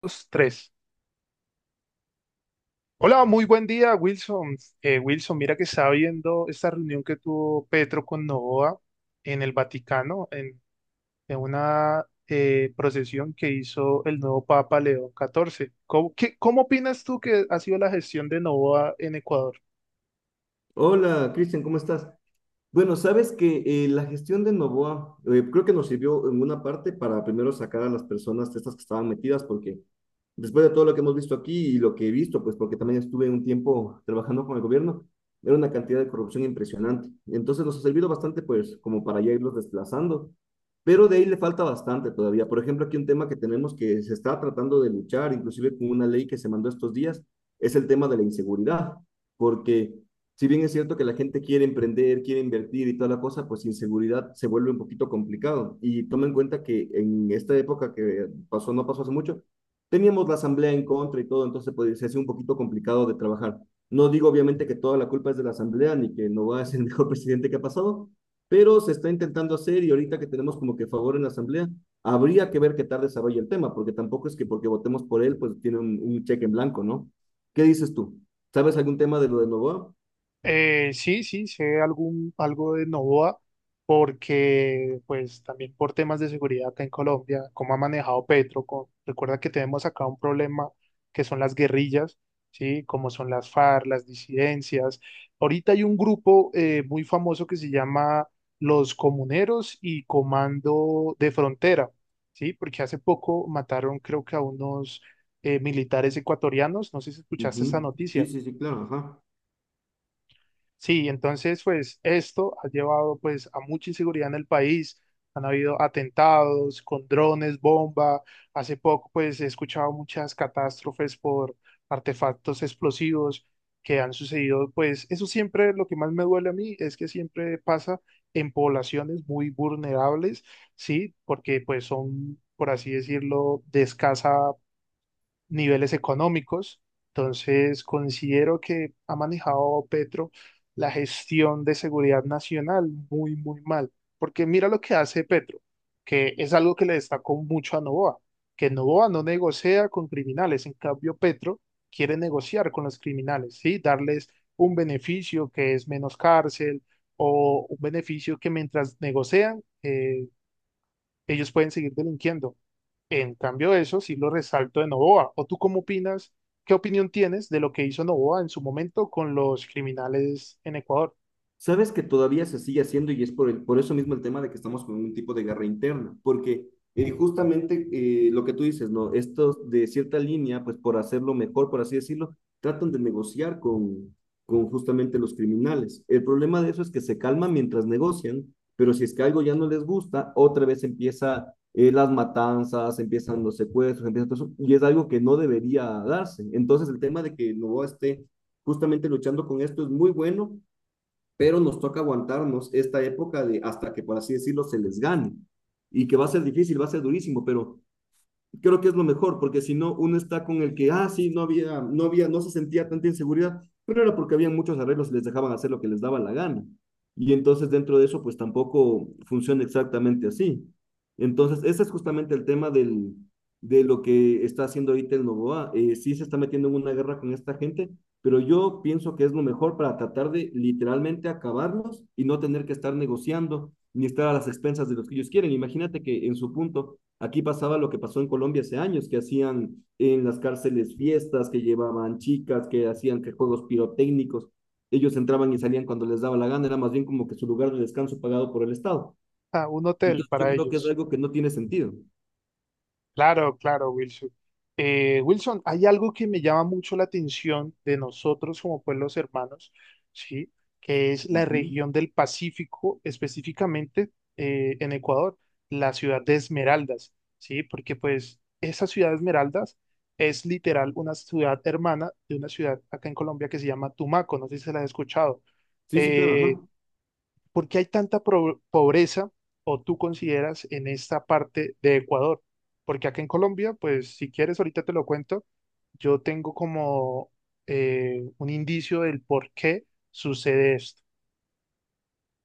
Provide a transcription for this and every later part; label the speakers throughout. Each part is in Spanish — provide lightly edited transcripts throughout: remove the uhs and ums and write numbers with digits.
Speaker 1: Dos, tres. Hola, muy buen día, Wilson. Wilson, mira que estaba viendo esta reunión que tuvo Petro con Novoa en el Vaticano, en una procesión que hizo el nuevo Papa León XIV. ¿Cómo, qué- cómo opinas tú que ha sido la gestión de Novoa en Ecuador?
Speaker 2: Hola, Cristian, ¿cómo estás? Bueno, sabes que la gestión de Novoa, creo que nos sirvió en una parte para primero sacar a las personas estas que estaban metidas, porque después de todo lo que hemos visto aquí y lo que he visto, pues porque también estuve un tiempo trabajando con el gobierno, era una cantidad de corrupción impresionante. Entonces nos ha servido bastante, pues, como para ya irlos desplazando, pero de ahí le falta bastante todavía. Por ejemplo, aquí un tema que tenemos que se está tratando de luchar, inclusive con una ley que se mandó estos días, es el tema de la inseguridad, porque si bien es cierto que la gente quiere emprender, quiere invertir y toda la cosa, pues inseguridad se vuelve un poquito complicado. Y toma en cuenta que en esta época que pasó, no pasó hace mucho, teníamos la asamblea en contra y todo, entonces pues, se hace un poquito complicado de trabajar. No digo obviamente que toda la culpa es de la asamblea ni que Novoa es el mejor presidente que ha pasado, pero se está intentando hacer y ahorita que tenemos como que favor en la asamblea, habría que ver qué tal desarrolla el tema, porque tampoco es que porque votemos por él, pues tiene un cheque en blanco, ¿no? ¿Qué dices tú? ¿Sabes algún tema de lo de Novoa?
Speaker 1: Sí, sé algún, algo de Novoa, porque pues también por temas de seguridad acá en Colombia, cómo ha manejado Petro, con- recuerda que tenemos acá un problema que son las guerrillas, ¿sí? Como son las FARC, las disidencias. Ahorita hay un grupo muy famoso que se llama Los Comuneros y Comando de Frontera, ¿sí? Porque hace poco mataron creo que a unos militares ecuatorianos, no sé si escuchaste esa
Speaker 2: Ujú. Sí,
Speaker 1: noticia.
Speaker 2: sí, sí, claro, ajá.
Speaker 1: Sí, entonces pues esto ha llevado pues a mucha inseguridad en el país. Han habido atentados con drones, bomba. Hace poco pues he escuchado muchas catástrofes por artefactos explosivos que han sucedido. Pues eso siempre lo que más me duele a mí es que siempre pasa en poblaciones muy vulnerables, ¿sí? Porque pues son, por así decirlo, de escasa niveles económicos. Entonces, considero que ha manejado Petro la gestión de seguridad nacional muy, muy mal. Porque mira lo que hace Petro, que es algo que le destacó mucho a Novoa, que Novoa no negocia con criminales, en cambio Petro quiere negociar con los criminales, ¿sí? Darles un beneficio que es menos cárcel o un beneficio que mientras negocian, ellos pueden seguir delinquiendo. En cambio, eso sí lo resalto de Novoa. ¿O tú cómo opinas? ¿Qué opinión tienes de lo que hizo Novoa en su momento con los criminales en Ecuador?
Speaker 2: Sabes que todavía se sigue haciendo y es por, el, por eso mismo el tema de que estamos con un tipo de guerra interna, porque justamente, lo que tú dices, ¿no? Estos de cierta línea, pues por hacerlo mejor, por así decirlo, tratan de negociar con justamente los criminales. El problema de eso es que se calman mientras negocian, pero si es que algo ya no les gusta, otra vez empieza, las matanzas, empiezan los secuestros, empieza todo eso, y es algo que no debería darse. Entonces el tema de que no esté justamente luchando con esto es muy bueno, pero nos toca aguantarnos esta época de hasta que, por así decirlo, se les gane. Y que va a ser difícil, va a ser durísimo, pero creo que es lo mejor, porque si no, uno está con el que, ah, sí, no había, no había, no se sentía tanta inseguridad, pero era porque había muchos arreglos y les dejaban hacer lo que les daba la gana. Y entonces dentro de eso, pues tampoco funciona exactamente así. Entonces, ese es justamente el tema del, de lo que está haciendo ahorita el Novoa. Sí se está metiendo en una guerra con esta gente, pero yo pienso que es lo mejor para tratar de literalmente acabarlos y no tener que estar negociando ni estar a las expensas de los que ellos quieren. Imagínate que en su punto aquí pasaba lo que pasó en Colombia hace años, que hacían en las cárceles fiestas, que llevaban chicas, que hacían que juegos pirotécnicos. Ellos entraban y salían cuando les daba la gana, era más bien como que su lugar de descanso pagado por el Estado.
Speaker 1: Ah, un hotel
Speaker 2: Entonces yo
Speaker 1: para
Speaker 2: creo que es
Speaker 1: ellos.
Speaker 2: algo que no tiene sentido.
Speaker 1: Claro, claro, Wilson. Wilson, hay algo que me llama mucho la atención de nosotros como pueblos hermanos, ¿sí? Que es la
Speaker 2: Ujú.
Speaker 1: región del Pacífico, específicamente en Ecuador, la ciudad de Esmeraldas, ¿sí? Porque pues esa ciudad de Esmeraldas es literal una ciudad hermana de una ciudad acá en Colombia que se llama Tumaco, no sé si se la has escuchado.
Speaker 2: Sí, sí, claro,
Speaker 1: Eh,
Speaker 2: ajá.
Speaker 1: ¿Por qué hay tanta pro- pobreza o tú consideras en esta parte de Ecuador? Porque acá en Colombia, pues si quieres, ahorita te lo cuento, yo tengo como un indicio del por qué sucede esto.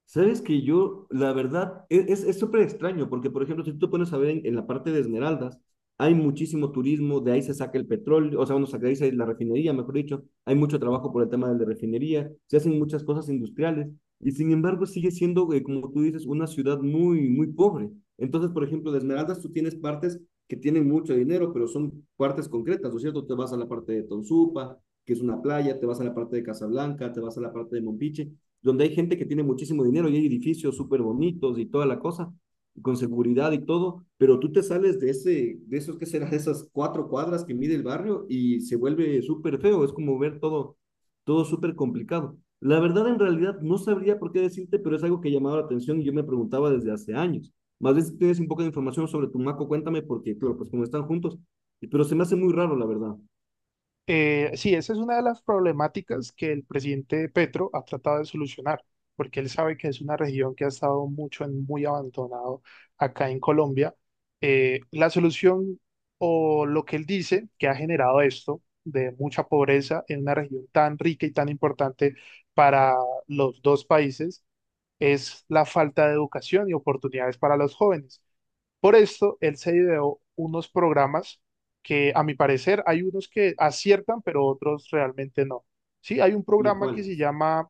Speaker 2: Sabes que yo, la verdad, es súper extraño, porque por ejemplo, si tú te pones a ver en la parte de Esmeraldas, hay muchísimo turismo, de ahí se saca el petróleo, o sea, uno saca de ahí la refinería, mejor dicho, hay mucho trabajo por el tema de la refinería, se hacen muchas cosas industriales, y sin embargo sigue siendo, como tú dices, una ciudad muy, muy pobre. Entonces, por ejemplo, de Esmeraldas tú tienes partes que tienen mucho dinero, pero son partes concretas, ¿no es cierto? Te vas a la parte de Tonsupa, que es una playa, te vas a la parte de Casablanca, te vas a la parte de Mompiche, donde hay gente que tiene muchísimo dinero y hay edificios súper bonitos y toda la cosa, con seguridad y todo, pero tú te sales de ese, de esos que será, de esas cuatro cuadras que mide el barrio y se vuelve súper feo, es como ver todo, todo súper complicado. La verdad, en realidad, no sabría por qué decirte, pero es algo que llamaba la atención y yo me preguntaba desde hace años. Más bien, si tienes un poco de información sobre Tumaco, cuéntame, porque, claro, pues como están juntos, pero se me hace muy raro, la verdad.
Speaker 1: Sí, esa es una de las problemáticas que el presidente Petro ha tratado de solucionar, porque él sabe que es una región que ha estado mucho en muy abandonado acá en Colombia. La solución o lo que él dice que ha generado esto de mucha pobreza en una región tan rica y tan importante para los dos países es la falta de educación y oportunidades para los jóvenes. Por esto, él se ideó unos programas que, a mi parecer, hay unos que aciertan, pero otros realmente no. Sí, hay un programa que
Speaker 2: ¿Cuál?
Speaker 1: se llama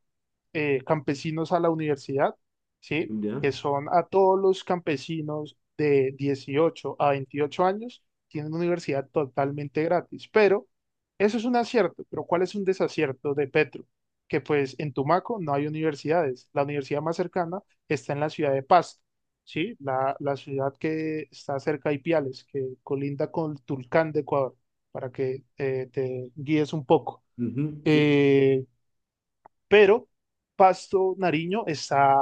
Speaker 1: Campesinos a la Universidad, ¿sí?
Speaker 2: ¿Ya?
Speaker 1: Que son a todos los campesinos de 18 a 28 años, tienen una universidad totalmente gratis. Pero eso es un acierto, pero ¿cuál es un desacierto de Petro? Que pues en Tumaco no hay universidades. La universidad más cercana está en la ciudad de Pasto. Sí, la ciudad que está cerca de Ipiales, que colinda con Tulcán de Ecuador, para que te guíes un poco.
Speaker 2: Ujú, sí,
Speaker 1: Eh, pero Pasto Nariño está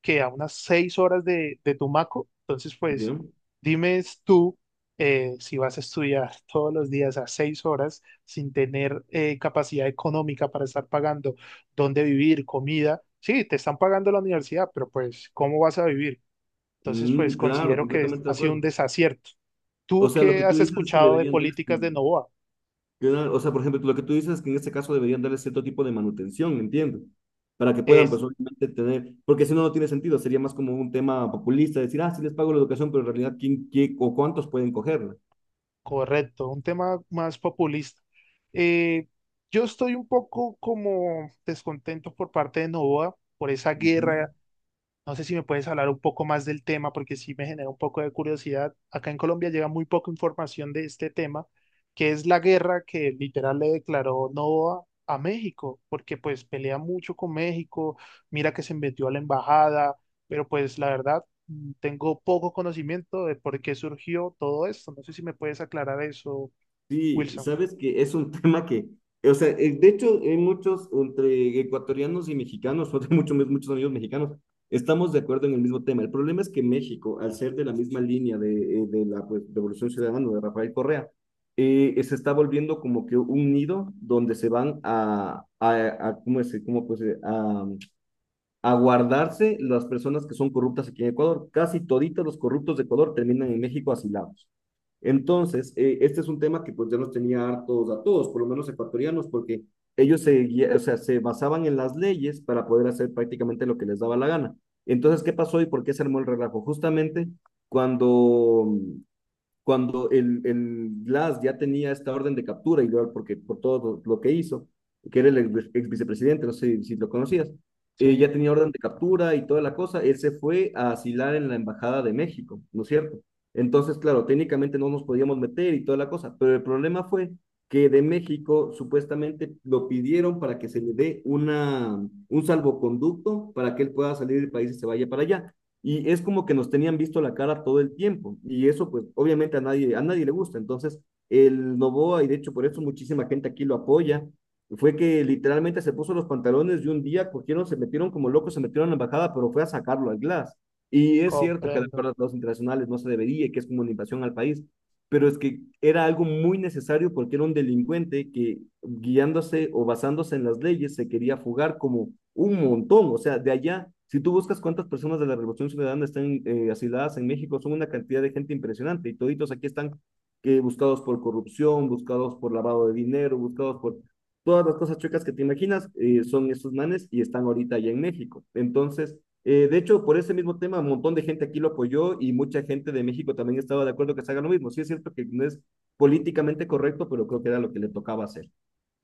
Speaker 1: que a unas 6 horas de Tumaco, entonces pues
Speaker 2: ya.
Speaker 1: dime tú si vas a estudiar todos los días a 6 horas sin tener capacidad económica para estar pagando dónde vivir, comida. Sí, te están pagando la universidad, pero pues ¿cómo vas a vivir? Entonces,
Speaker 2: Mm,
Speaker 1: pues
Speaker 2: claro,
Speaker 1: considero que es-
Speaker 2: completamente
Speaker 1: ha
Speaker 2: de
Speaker 1: sido un
Speaker 2: acuerdo.
Speaker 1: desacierto.
Speaker 2: O
Speaker 1: Tú
Speaker 2: sea, lo
Speaker 1: qué
Speaker 2: que tú
Speaker 1: has
Speaker 2: dices es que
Speaker 1: escuchado de
Speaker 2: deberían darles,
Speaker 1: políticas de
Speaker 2: mm,
Speaker 1: Novoa,
Speaker 2: o sea, por ejemplo, lo que tú dices es que en este caso deberían darles cierto tipo de manutención, entiendo, para que puedan,
Speaker 1: es
Speaker 2: pues, obviamente tener, porque si no, no tiene sentido, sería más como un tema populista, decir, ah, sí les pago la educación, pero en realidad, ¿quién, qué o cuántos pueden cogerla?
Speaker 1: correcto, un tema más populista. Eh, yo estoy un poco como descontento por parte de Novoa por esa
Speaker 2: Ujú.
Speaker 1: guerra. No sé si me puedes hablar un poco más del tema, porque sí me genera un poco de curiosidad. Acá en Colombia llega muy poca información de este tema, que es la guerra que literal le declaró Novoa a México, porque pues pelea mucho con México, mira que se metió a la embajada, pero pues la verdad tengo poco conocimiento de por qué surgió todo esto. No sé si me puedes aclarar eso,
Speaker 2: Sí,
Speaker 1: Wilson.
Speaker 2: sabes que es un tema que, o sea, de hecho, hay muchos entre ecuatorianos y mexicanos, o de mucho, muchos amigos mexicanos, estamos de acuerdo en el mismo tema. El problema es que México, al ser de la misma línea de la pues, Revolución Ciudadana de Rafael Correa, se está volviendo como que un nido donde se van a ¿cómo es? ¿Cómo pues, a guardarse las personas que son corruptas aquí en Ecuador? Casi toditos los corruptos de Ecuador terminan en México asilados. Entonces, este es un tema que pues ya nos tenía hartos a todos, por lo menos ecuatorianos, porque ellos se, o sea, se basaban en las leyes para poder hacer prácticamente lo que les daba la gana. Entonces, ¿qué pasó y por qué se armó el relajo? Justamente cuando cuando el Glass ya tenía esta orden de captura, y porque por todo lo que hizo, que era el ex, ex vicepresidente, no sé si lo conocías, ya
Speaker 1: Sí,
Speaker 2: tenía orden de captura y toda la cosa, él se fue a asilar en la Embajada de México, ¿no es cierto? Entonces, claro, técnicamente no nos podíamos meter y toda la cosa, pero el problema fue que de México supuestamente lo pidieron para que se le dé una, un salvoconducto para que él pueda salir del país y se vaya para allá y es como que nos tenían visto la cara todo el tiempo y eso pues obviamente a nadie le gusta. Entonces el Novoa, y de hecho por eso muchísima gente aquí lo apoya, fue que literalmente se puso los pantalones y un día cogieron, se metieron como locos, se metieron a la embajada, pero fue a sacarlo al Glass. Y es cierto que de
Speaker 1: comprendo.
Speaker 2: acuerdo a los internacionales no se debería, que es como una invasión al país, pero es que era algo muy necesario porque era un delincuente que guiándose o basándose en las leyes se quería fugar como un montón, o sea, de allá, si tú buscas cuántas personas de la Revolución Ciudadana están, asiladas en México, son una cantidad de gente impresionante y toditos aquí están, buscados por corrupción, buscados por lavado de dinero, buscados por todas las cosas chuecas que te imaginas, son esos manes y están ahorita allá en México. Entonces, de hecho, por ese mismo tema, un montón de gente aquí lo apoyó y mucha gente de México también estaba de acuerdo que se haga lo mismo. Sí, es cierto que no es políticamente correcto, pero creo que era lo que le tocaba hacer.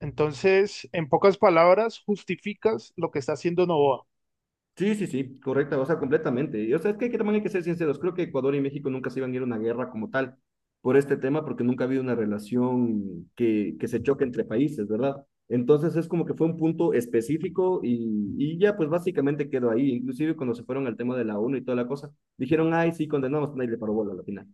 Speaker 1: Entonces, en pocas palabras, justificas lo que está haciendo Novoa.
Speaker 2: Sí, sí, sí, correcta, o sea, completamente. Y, o sea, es que, hay que también hay que ser sinceros. Creo que Ecuador y México nunca se iban a ir a una guerra como tal por este tema, porque nunca ha habido una relación que se choque entre países, ¿verdad? Entonces es como que fue un punto específico y ya pues básicamente quedó ahí. Inclusive cuando se fueron al tema de la ONU y toda la cosa, dijeron, ay, sí, condenamos, nadie le paró bola a la final.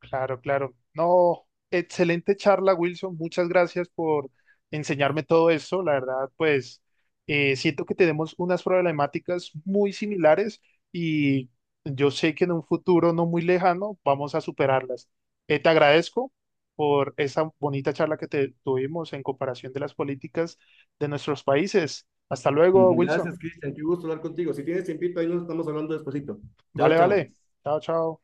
Speaker 1: Claro, claro. No, excelente charla, Wilson. Muchas gracias por enseñarme todo esto. La verdad, pues siento que tenemos unas problemáticas muy similares y yo sé que en un futuro no muy lejano vamos a superarlas. Te agradezco por esa bonita charla que te tuvimos en comparación de las políticas de nuestros países. Hasta luego,
Speaker 2: Ujú.
Speaker 1: Wilson.
Speaker 2: Gracias, Cristian. Qué gusto hablar contigo. Si tienes tiempito, ahí nos estamos hablando despacito. Chao,
Speaker 1: Vale,
Speaker 2: chao.
Speaker 1: vale. Chao, chao.